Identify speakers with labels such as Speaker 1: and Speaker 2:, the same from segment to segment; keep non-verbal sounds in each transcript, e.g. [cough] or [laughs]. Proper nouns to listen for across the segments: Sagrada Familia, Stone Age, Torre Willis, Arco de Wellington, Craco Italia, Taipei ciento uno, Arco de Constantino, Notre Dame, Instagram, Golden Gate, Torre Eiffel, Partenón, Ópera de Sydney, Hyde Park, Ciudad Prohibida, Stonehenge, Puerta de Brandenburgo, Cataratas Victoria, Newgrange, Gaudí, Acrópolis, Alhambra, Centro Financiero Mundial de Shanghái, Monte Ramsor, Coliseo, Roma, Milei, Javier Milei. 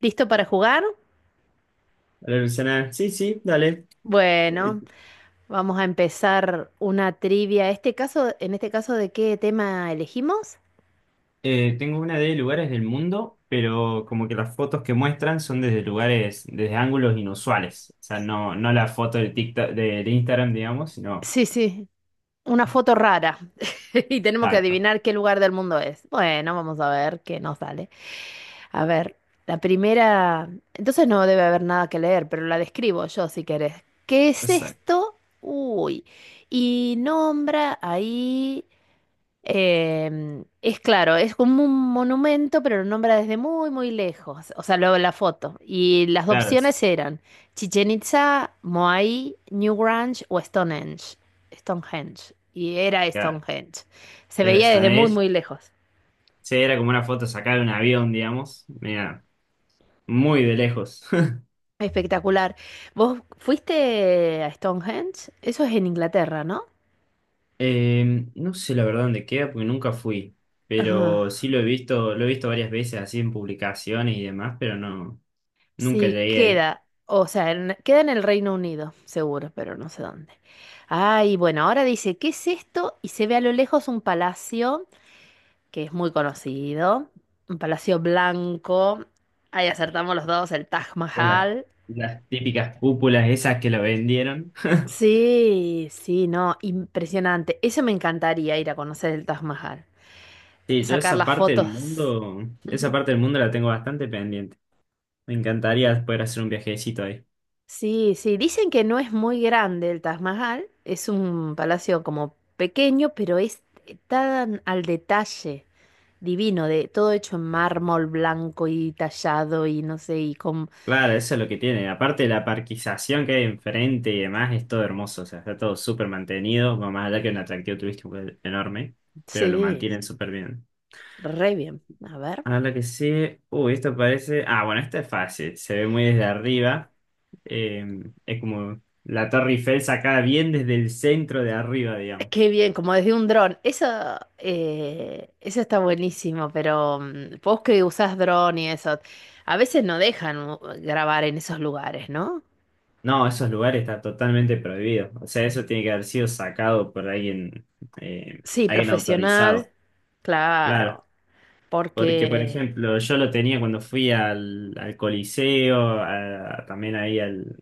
Speaker 1: ¿Listo para jugar?
Speaker 2: Hola Luciana, sí, sí, dale. Eh,
Speaker 1: Bueno, vamos a empezar una trivia. En este caso, ¿de qué tema elegimos?
Speaker 2: tengo una de lugares del mundo, pero como que las fotos que muestran son desde lugares, desde ángulos inusuales. O sea, no la foto del TikTok, del Instagram, digamos, sino
Speaker 1: Sí, sí, una foto rara. [laughs] Y tenemos que
Speaker 2: exacto.
Speaker 1: adivinar qué lugar del mundo es. Bueno, vamos a ver qué nos sale. A ver, la primera. Entonces no debe haber nada que leer, pero la describo yo si querés. ¿Qué es
Speaker 2: Exacto.
Speaker 1: esto? Uy. Y nombra ahí. Es claro, es como un monumento, pero lo nombra desde muy, muy lejos. O sea, luego la foto. Y las
Speaker 2: Claro,
Speaker 1: opciones eran Chichen Itza, Moai, Newgrange o Stonehenge. Stonehenge. Y era
Speaker 2: claro.
Speaker 1: Stonehenge. Se
Speaker 2: Era
Speaker 1: veía desde
Speaker 2: Stone
Speaker 1: muy,
Speaker 2: Age.
Speaker 1: muy lejos.
Speaker 2: Sí, era como una foto sacada de un avión, digamos. Mira, muy de lejos. [laughs]
Speaker 1: Espectacular. ¿Vos fuiste a Stonehenge? Eso es en Inglaterra, ¿no?
Speaker 2: No sé la verdad dónde queda porque nunca fui,
Speaker 1: Ajá.
Speaker 2: pero sí lo he visto varias veces así en publicaciones y demás, pero no. Nunca
Speaker 1: Sí,
Speaker 2: llegué ahí.
Speaker 1: queda, o sea, queda en el Reino Unido, seguro, pero no sé dónde. Ay, bueno, ahora dice, ¿qué es esto? Y se ve a lo lejos un palacio que es muy conocido, un palacio blanco. Ahí acertamos los dos, el Taj
Speaker 2: Eran
Speaker 1: Mahal.
Speaker 2: las típicas cúpulas esas que lo vendieron. [laughs]
Speaker 1: Sí, sí, no, impresionante. Eso me encantaría ir a conocer el Taj Mahal,
Speaker 2: Sí, yo
Speaker 1: sacar
Speaker 2: esa
Speaker 1: las
Speaker 2: parte del
Speaker 1: fotos.
Speaker 2: mundo, esa parte del mundo la tengo bastante pendiente. Me encantaría poder hacer un viajecito ahí.
Speaker 1: Sí, sí, dicen que no es muy grande el Taj Mahal, es un palacio como pequeño, pero es tan al detalle, divino, de todo hecho en mármol blanco y tallado y no sé, y con…
Speaker 2: Claro, eso es lo que tiene. Aparte de la parquización que hay enfrente y demás, es todo hermoso. O sea, está todo súper mantenido. Más allá que un atractivo turístico pues, enorme, pero lo
Speaker 1: Sí,
Speaker 2: mantienen súper bien.
Speaker 1: re bien, a ver.
Speaker 2: A la que sigue. Uy, esto parece. Ah, bueno, esta es fácil. Se ve muy desde arriba. Eh, es como la Torre Eiffel sacada bien desde el centro de arriba, digamos.
Speaker 1: Qué bien, como desde un dron. Eso, eso está buenísimo, pero vos que usás dron y eso, a veces no dejan grabar en esos lugares, ¿no?
Speaker 2: No, esos lugares está totalmente prohibido. O sea, eso tiene que haber sido sacado por alguien,
Speaker 1: Sí,
Speaker 2: alguien
Speaker 1: profesional,
Speaker 2: autorizado. Claro.
Speaker 1: claro.
Speaker 2: Porque, por
Speaker 1: Porque
Speaker 2: ejemplo, yo lo tenía cuando fui al Coliseo, también ahí al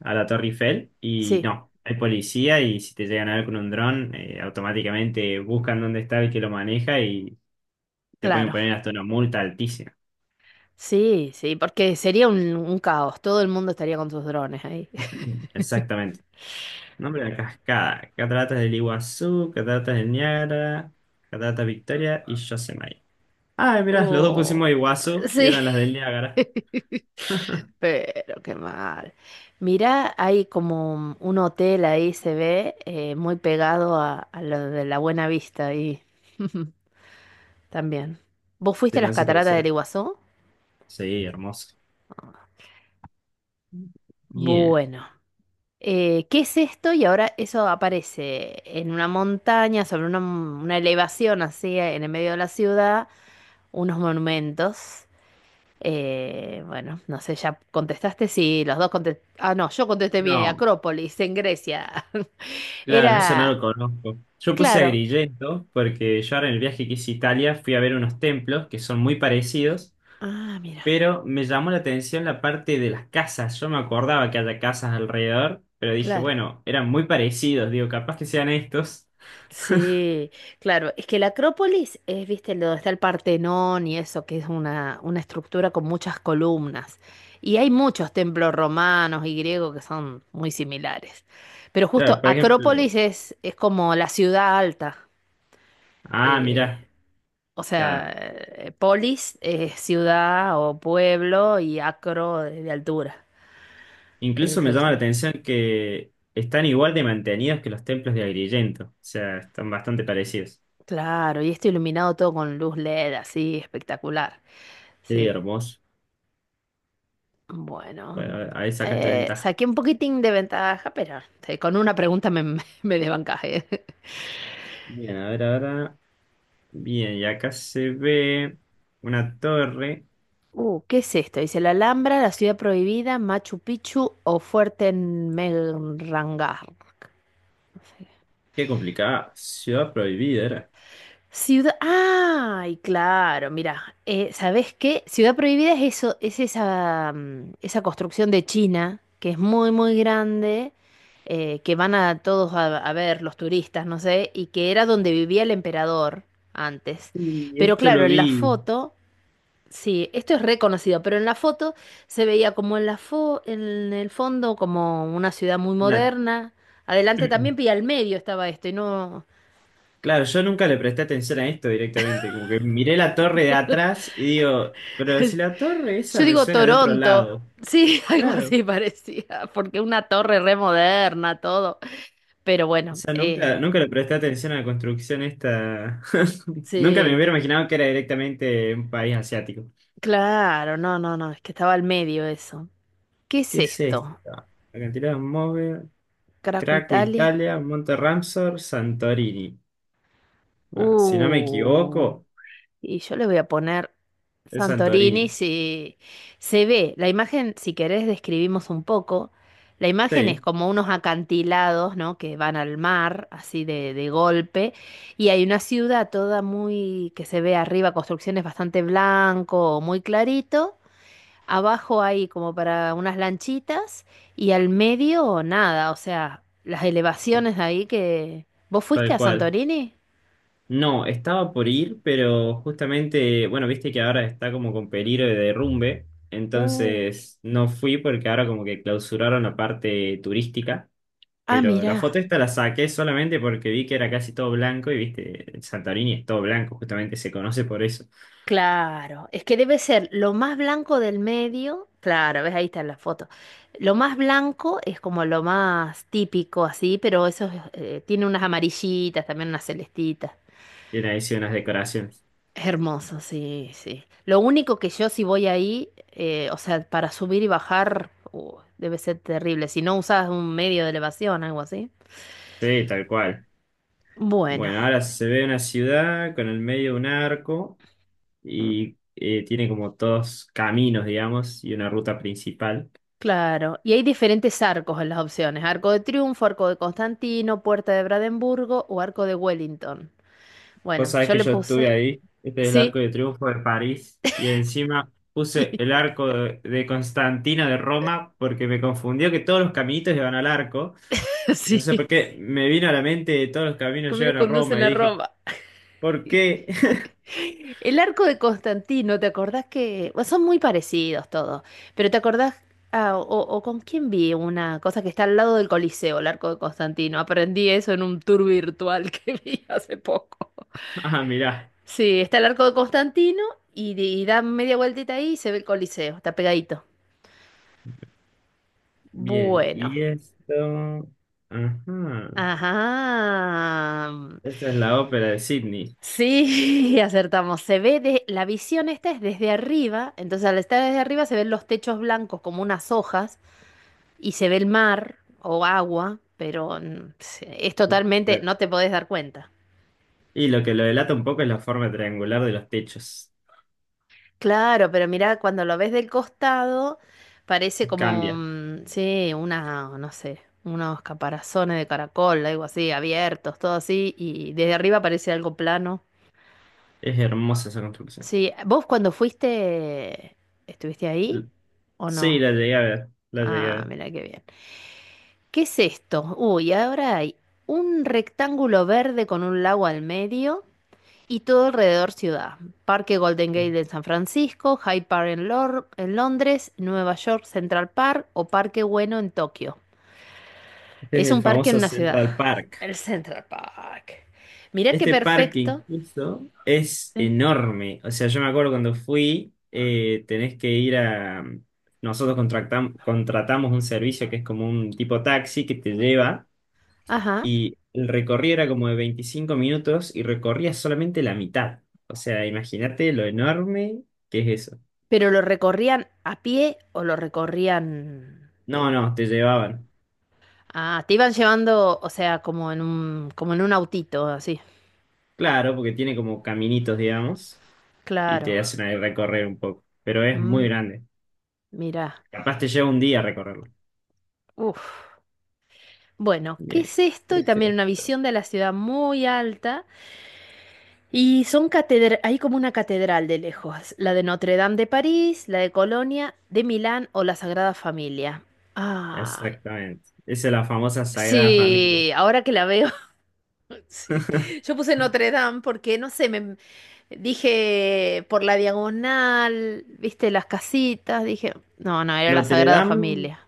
Speaker 2: a la Torre Eiffel y
Speaker 1: sí,
Speaker 2: no, hay policía y si te llegan a ver con un dron, automáticamente buscan dónde está el que lo maneja y te pueden
Speaker 1: claro.
Speaker 2: poner hasta una multa altísima.
Speaker 1: Sí, sí, porque sería un caos. Todo el mundo estaría con sus drones ahí. [laughs]
Speaker 2: [clears throat] Exactamente. Nombre de la cascada. Cataratas del Iguazú, Cataratas del Niágara, Cataratas Victoria y Yosemite. Ah, mirá, los dos
Speaker 1: Oh,
Speaker 2: pusimos Iguazú y
Speaker 1: sí.
Speaker 2: eran las del Niágara.
Speaker 1: [laughs]
Speaker 2: [laughs]
Speaker 1: Pero qué mal. Mira, hay como un hotel ahí, se ve, muy pegado a lo de la Buena Vista ahí. [laughs] También. ¿Vos fuiste
Speaker 2: Se
Speaker 1: a
Speaker 2: me
Speaker 1: las
Speaker 2: hace que
Speaker 1: cataratas del
Speaker 2: será.
Speaker 1: Iguazú?
Speaker 2: Sí, hermoso. Bien.
Speaker 1: Bueno, ¿qué es esto? Y ahora eso aparece en una montaña, sobre una elevación así, en el medio de la ciudad. Unos monumentos. Bueno, no sé, ya contestaste, sí, los dos contestaste. Ah, no, yo contesté mi
Speaker 2: No.
Speaker 1: Acrópolis, en Grecia. [laughs]
Speaker 2: Claro, eso no
Speaker 1: Era,
Speaker 2: lo conozco. Yo puse a
Speaker 1: claro.
Speaker 2: Agrigento porque yo ahora en el viaje que hice a Italia fui a ver unos templos que son muy parecidos,
Speaker 1: Ah, mira,
Speaker 2: pero me llamó la atención la parte de las casas. Yo me acordaba que haya casas alrededor, pero dije,
Speaker 1: claro.
Speaker 2: bueno, eran muy parecidos, digo, capaz que sean estos.
Speaker 1: Sí, claro. Es que la Acrópolis es, viste, donde está el Partenón y eso, que es una estructura con muchas columnas. Y hay muchos templos romanos y griegos que son muy similares. Pero justo
Speaker 2: Claro, por ejemplo,
Speaker 1: Acrópolis es como la ciudad alta.
Speaker 2: ah,
Speaker 1: eh,
Speaker 2: mirá,
Speaker 1: O sea,
Speaker 2: claro.
Speaker 1: polis es ciudad o pueblo y acro de altura.
Speaker 2: Incluso
Speaker 1: Eso
Speaker 2: me
Speaker 1: lo
Speaker 2: llama la
Speaker 1: sabía.
Speaker 2: atención que están igual de mantenidos que los templos de Agrigento, o sea, están bastante parecidos.
Speaker 1: Claro, y esto iluminado todo con luz LED, así espectacular.
Speaker 2: Sí,
Speaker 1: Sí.
Speaker 2: hermoso.
Speaker 1: Bueno,
Speaker 2: Bueno, ahí sacaste ventaja.
Speaker 1: saqué un poquitín de ventaja, pero con una pregunta [laughs] me desbancajé. [laughs]
Speaker 2: Bien, a ver ahora. Bien, y acá se ve una torre.
Speaker 1: ¿Qué es esto? Dice la Alhambra, la ciudad prohibida, Machu Picchu o Fuerte Fuerteventura.
Speaker 2: Qué complicada. Ciudad prohibida era.
Speaker 1: Ciudad. ¡Ay, claro! Mira, ¿sabés qué? Ciudad Prohibida es eso, es esa, esa construcción de China que es muy, muy grande, que van a todos a ver los turistas, no sé, y que era donde vivía el emperador antes.
Speaker 2: Y
Speaker 1: Pero
Speaker 2: esto
Speaker 1: claro,
Speaker 2: lo
Speaker 1: en la
Speaker 2: vi.
Speaker 1: foto, sí, esto es reconocido, pero en la foto se veía como en la en el fondo como una ciudad muy
Speaker 2: Una...
Speaker 1: moderna. Adelante también, y
Speaker 2: [clears throat]
Speaker 1: al medio estaba esto, y no.
Speaker 2: Claro, yo nunca le presté atención a esto directamente. Como que miré la torre de atrás y digo, pero si la torre esa
Speaker 1: Yo
Speaker 2: me
Speaker 1: digo
Speaker 2: suena de otro
Speaker 1: Toronto.
Speaker 2: lado.
Speaker 1: Sí, [laughs] algo
Speaker 2: Claro.
Speaker 1: así parecía, porque una torre re moderna, todo. Pero
Speaker 2: O
Speaker 1: bueno,
Speaker 2: sea, nunca le presté atención a la construcción esta. [laughs] Nunca me
Speaker 1: sí,
Speaker 2: hubiera imaginado que era directamente un país asiático.
Speaker 1: claro, no, no, no, es que estaba al medio eso. ¿Qué es
Speaker 2: ¿Qué es
Speaker 1: esto?
Speaker 2: esta? Cantidad de móvil,
Speaker 1: Caraco,
Speaker 2: Craco
Speaker 1: Italia.
Speaker 2: Italia, Monte Ramsor, Santorini. Ah, si no me
Speaker 1: Uh.
Speaker 2: equivoco,
Speaker 1: Y yo le voy a poner
Speaker 2: es
Speaker 1: Santorini
Speaker 2: Santorini.
Speaker 1: si se ve. La imagen, si querés, describimos un poco. La imagen es
Speaker 2: Sí,
Speaker 1: como unos acantilados, ¿no? Que van al mar, así de golpe. Y hay una ciudad toda muy, que se ve arriba, construcciones bastante blanco, muy clarito. Abajo hay como para unas lanchitas. Y al medio, nada. O sea, las elevaciones de ahí que. ¿Vos fuiste
Speaker 2: tal
Speaker 1: a
Speaker 2: cual.
Speaker 1: Santorini?
Speaker 2: No, estaba por ir, pero justamente, bueno, viste que ahora está como con peligro de derrumbe,
Speaker 1: Uh.
Speaker 2: entonces no fui porque ahora como que clausuraron la parte turística,
Speaker 1: Ah,
Speaker 2: pero la foto
Speaker 1: mirá.
Speaker 2: esta la saqué solamente porque vi que era casi todo blanco y viste, el Santorini es todo blanco, justamente se conoce por eso,
Speaker 1: Claro, es que debe ser lo más blanco del medio, claro, ves ahí está la foto. Lo más blanco es como lo más típico así, pero eso es, tiene unas amarillitas, también unas celestitas.
Speaker 2: tiene ahí sí unas decoraciones.
Speaker 1: Es hermoso, sí, sí. Lo único que yo si voy ahí, o sea, para subir y bajar, debe ser terrible, si no usas un medio de elevación, algo así.
Speaker 2: Sí, tal cual.
Speaker 1: Bueno.
Speaker 2: Bueno, ahora se ve una ciudad con el medio de un arco
Speaker 1: mm,
Speaker 2: y tiene como dos caminos, digamos, y una ruta principal.
Speaker 1: Claro, y hay diferentes arcos en las opciones, arco de triunfo, arco de Constantino, puerta de Brandenburgo o arco de Wellington.
Speaker 2: Vos
Speaker 1: Bueno,
Speaker 2: sabés
Speaker 1: yo
Speaker 2: que
Speaker 1: le
Speaker 2: yo estuve
Speaker 1: puse,
Speaker 2: ahí, este es el
Speaker 1: sí,
Speaker 2: Arco de Triunfo de París, y encima puse el
Speaker 1: [laughs]
Speaker 2: Arco de Constantino de Roma porque me confundió que todos los caminitos llevan al arco. Y no sé
Speaker 1: sí,
Speaker 2: por qué me vino a la mente todos los caminos
Speaker 1: camino
Speaker 2: llevan a
Speaker 1: conducen
Speaker 2: Roma y
Speaker 1: a
Speaker 2: dije,
Speaker 1: Roma. [laughs]
Speaker 2: ¿por qué? [laughs]
Speaker 1: El arco de Constantino, ¿te acordás que bueno, son muy parecidos todos? Pero ¿te acordás ah, o con quién vi una cosa que está al lado del Coliseo, el arco de Constantino? Aprendí eso en un tour virtual que [laughs] vi hace poco.
Speaker 2: Ah, mirá.
Speaker 1: Sí, está el arco de Constantino y, y da media vueltita ahí y se ve el Coliseo, está pegadito.
Speaker 2: Bien,
Speaker 1: Bueno.
Speaker 2: y esto... Ajá.
Speaker 1: Ajá.
Speaker 2: Esta es la ópera de Sydney.
Speaker 1: Sí, [laughs] acertamos. Se ve de, la visión esta es desde arriba, entonces al estar desde arriba se ven los techos blancos como unas hojas y se ve el mar o agua, pero es totalmente,
Speaker 2: La-
Speaker 1: no te podés dar cuenta.
Speaker 2: y lo que lo delata un poco es la forma triangular de los techos.
Speaker 1: Claro, pero mira, cuando lo ves del costado, parece como,
Speaker 2: Cambia.
Speaker 1: sí, una, no sé, unos caparazones de caracol, algo así, abiertos, todo así, y desde arriba parece algo plano.
Speaker 2: Es hermosa esa construcción.
Speaker 1: Sí, ¿vos cuando fuiste, estuviste ahí
Speaker 2: L-
Speaker 1: o
Speaker 2: Sí,
Speaker 1: no?
Speaker 2: la llegué a ver. La llegué a
Speaker 1: Ah,
Speaker 2: ver.
Speaker 1: mira qué bien. ¿Qué es esto? Uy, ahora hay un rectángulo verde con un lago al medio. Y todo alrededor ciudad. Parque Golden Gate en San Francisco, Hyde Park en, en Londres, Nueva York Central Park o Parque Bueno en Tokio.
Speaker 2: Este es
Speaker 1: Es
Speaker 2: el
Speaker 1: un parque en
Speaker 2: famoso
Speaker 1: una ciudad.
Speaker 2: Central Park.
Speaker 1: El Central Park. Mirá qué
Speaker 2: Este parque
Speaker 1: perfecto.
Speaker 2: incluso es
Speaker 1: Sí.
Speaker 2: enorme. O sea, yo me acuerdo cuando fui, tenés que ir a... Nosotros contratamos un servicio que es como un tipo taxi que te lleva
Speaker 1: Ajá.
Speaker 2: y el recorrido era como de 25 minutos y recorría solamente la mitad. O sea, imagínate lo enorme que es eso.
Speaker 1: Pero lo recorrían a pie o lo recorrían…
Speaker 2: No, no, te llevaban.
Speaker 1: Ah, te iban llevando, o sea, como en un autito, así.
Speaker 2: Claro, porque tiene como caminitos, digamos, y te
Speaker 1: Claro.
Speaker 2: hacen ahí recorrer un poco, pero es muy
Speaker 1: Mm,
Speaker 2: grande.
Speaker 1: mirá.
Speaker 2: Capaz te lleva un día recorrerlo.
Speaker 1: Uf. Bueno, ¿qué
Speaker 2: Bien.
Speaker 1: es esto? Y también
Speaker 2: Ese,
Speaker 1: una visión de la ciudad muy alta. Y son catedral, hay como una catedral de lejos, la de Notre Dame de París, la de Colonia, de Milán o la Sagrada Familia. Ah,
Speaker 2: exactamente. Esa es la famosa Sagrada Familia.
Speaker 1: sí, ahora que la veo, [laughs] sí. Yo puse Notre Dame porque, no sé, me dije por la diagonal, viste las casitas, dije, no, no, era la
Speaker 2: Notre
Speaker 1: Sagrada
Speaker 2: Dame
Speaker 1: Familia.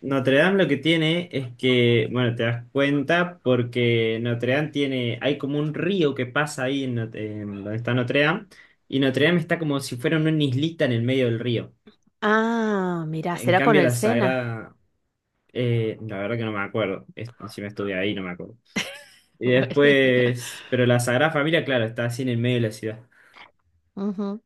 Speaker 2: Notre Dame lo que tiene es que, bueno, te das cuenta porque Notre Dame tiene, hay como un río que pasa ahí en, en donde está Notre Dame, y Notre Dame está como si fuera una islita en el medio del río.
Speaker 1: Ah, mirá,
Speaker 2: En
Speaker 1: será con
Speaker 2: cambio,
Speaker 1: el
Speaker 2: la
Speaker 1: Sena.
Speaker 2: Sagrada, la verdad que no me acuerdo, si me estudié ahí no me acuerdo.
Speaker 1: [laughs]
Speaker 2: Y
Speaker 1: Bueno.
Speaker 2: después, pero la Sagrada Familia, claro, está así en el medio de la ciudad.
Speaker 1: Ujú.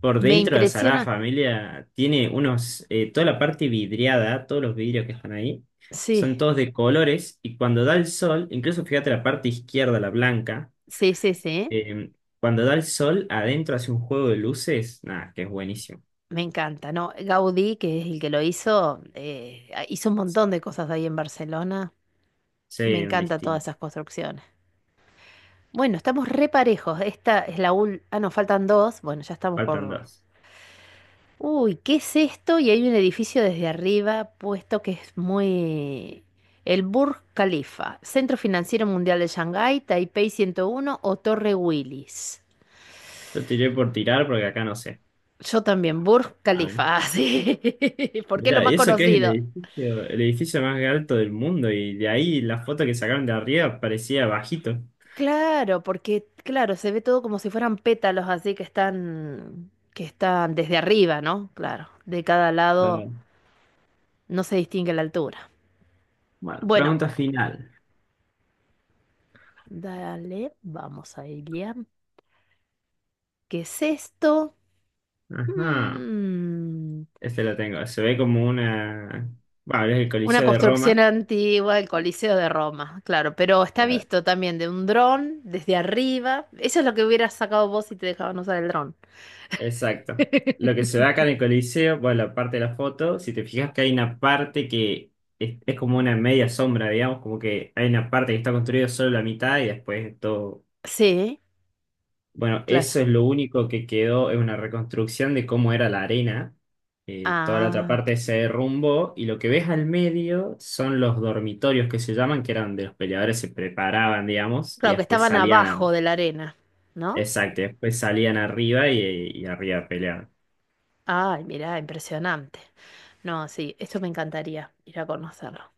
Speaker 2: Por
Speaker 1: Me
Speaker 2: dentro de Sagrada
Speaker 1: impresiona.
Speaker 2: Familia tiene unos, toda la parte vidriada, todos los vidrios que están ahí,
Speaker 1: Sí,
Speaker 2: son todos de colores y cuando da el sol, incluso fíjate la parte izquierda, la blanca,
Speaker 1: sí, sí, sí.
Speaker 2: eh, cuando da el sol adentro hace un juego de luces, nada, que es buenísimo.
Speaker 1: Me encanta, ¿no? Gaudí, que es el que lo hizo, ah, hizo un montón de cosas ahí en Barcelona.
Speaker 2: Sí,
Speaker 1: Me
Speaker 2: un
Speaker 1: encanta todas
Speaker 2: distinto.
Speaker 1: esas construcciones. Bueno, estamos re parejos. Esta es la ul… Ah, nos faltan dos. Bueno, ya estamos
Speaker 2: Faltan
Speaker 1: por…
Speaker 2: dos.
Speaker 1: Uy, ¿qué es esto? Y hay un edificio desde arriba puesto que es muy… El Burj Khalifa, Centro Financiero Mundial de Shanghái, Taipei 101 o Torre Willis.
Speaker 2: Yo tiré por tirar porque acá no sé.
Speaker 1: Yo también, Burj
Speaker 2: A ver.
Speaker 1: Khalifa, [laughs] ah, sí, [laughs] porque es lo
Speaker 2: Mirá,
Speaker 1: más
Speaker 2: y eso que es
Speaker 1: conocido.
Speaker 2: el edificio más alto del mundo y de ahí la foto que sacaron de arriba parecía bajito.
Speaker 1: Claro, porque claro, se ve todo como si fueran pétalos así que están desde arriba, ¿no? Claro, de cada lado
Speaker 2: Claro.
Speaker 1: no se distingue la altura.
Speaker 2: Bueno,
Speaker 1: Bueno,
Speaker 2: pregunta final.
Speaker 1: dale, vamos a Ilia. ¿Qué es esto?
Speaker 2: Ajá.
Speaker 1: Hmm,
Speaker 2: Este lo tengo. Se ve como una. Bueno, es el
Speaker 1: Una
Speaker 2: Coliseo de
Speaker 1: construcción
Speaker 2: Roma.
Speaker 1: antigua, el Coliseo de Roma, claro, pero está
Speaker 2: Claro.
Speaker 1: visto también de un dron desde arriba. Eso es lo que hubieras sacado vos si te dejaban usar el dron.
Speaker 2: Exacto. Lo que se
Speaker 1: [laughs]
Speaker 2: ve acá en el Coliseo, bueno, la parte de la foto, si te fijas que hay una parte que es como una media sombra, digamos, como que hay una parte que está construida solo la mitad y después todo.
Speaker 1: Sí,
Speaker 2: Bueno,
Speaker 1: claro.
Speaker 2: eso es lo único que quedó, es una reconstrucción de cómo era la arena. Toda la otra
Speaker 1: Ah.
Speaker 2: parte se derrumbó y lo que ves al medio son los dormitorios que se llaman, que eran donde los peleadores se preparaban, digamos, y
Speaker 1: Claro, que
Speaker 2: después
Speaker 1: estaban abajo
Speaker 2: salían
Speaker 1: de la arena, ¿no?
Speaker 2: Exacto, y después salían arriba y arriba peleaban.
Speaker 1: Ay, mirá, impresionante. No, sí, esto me encantaría ir a conocerlo.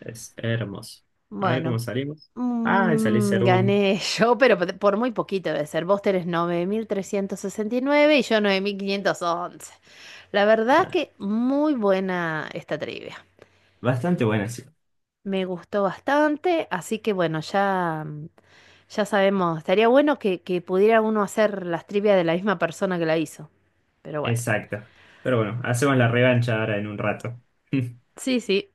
Speaker 2: Es hermoso. A ver cómo
Speaker 1: Bueno,
Speaker 2: salimos. Ah, y salí segundo.
Speaker 1: gané [laughs] yo, pero por muy poquito debe ser. Vos tenés 9.369 y yo 9.511. La verdad
Speaker 2: Ah,
Speaker 1: que muy buena esta trivia.
Speaker 2: bastante buena, sí.
Speaker 1: Me gustó bastante, así que bueno, ya, ya sabemos. Estaría bueno que pudiera uno hacer las trivias de la misma persona que la hizo. Pero bueno,
Speaker 2: Exacto. Pero bueno, hacemos la revancha ahora en un rato. [laughs]
Speaker 1: sí, sí.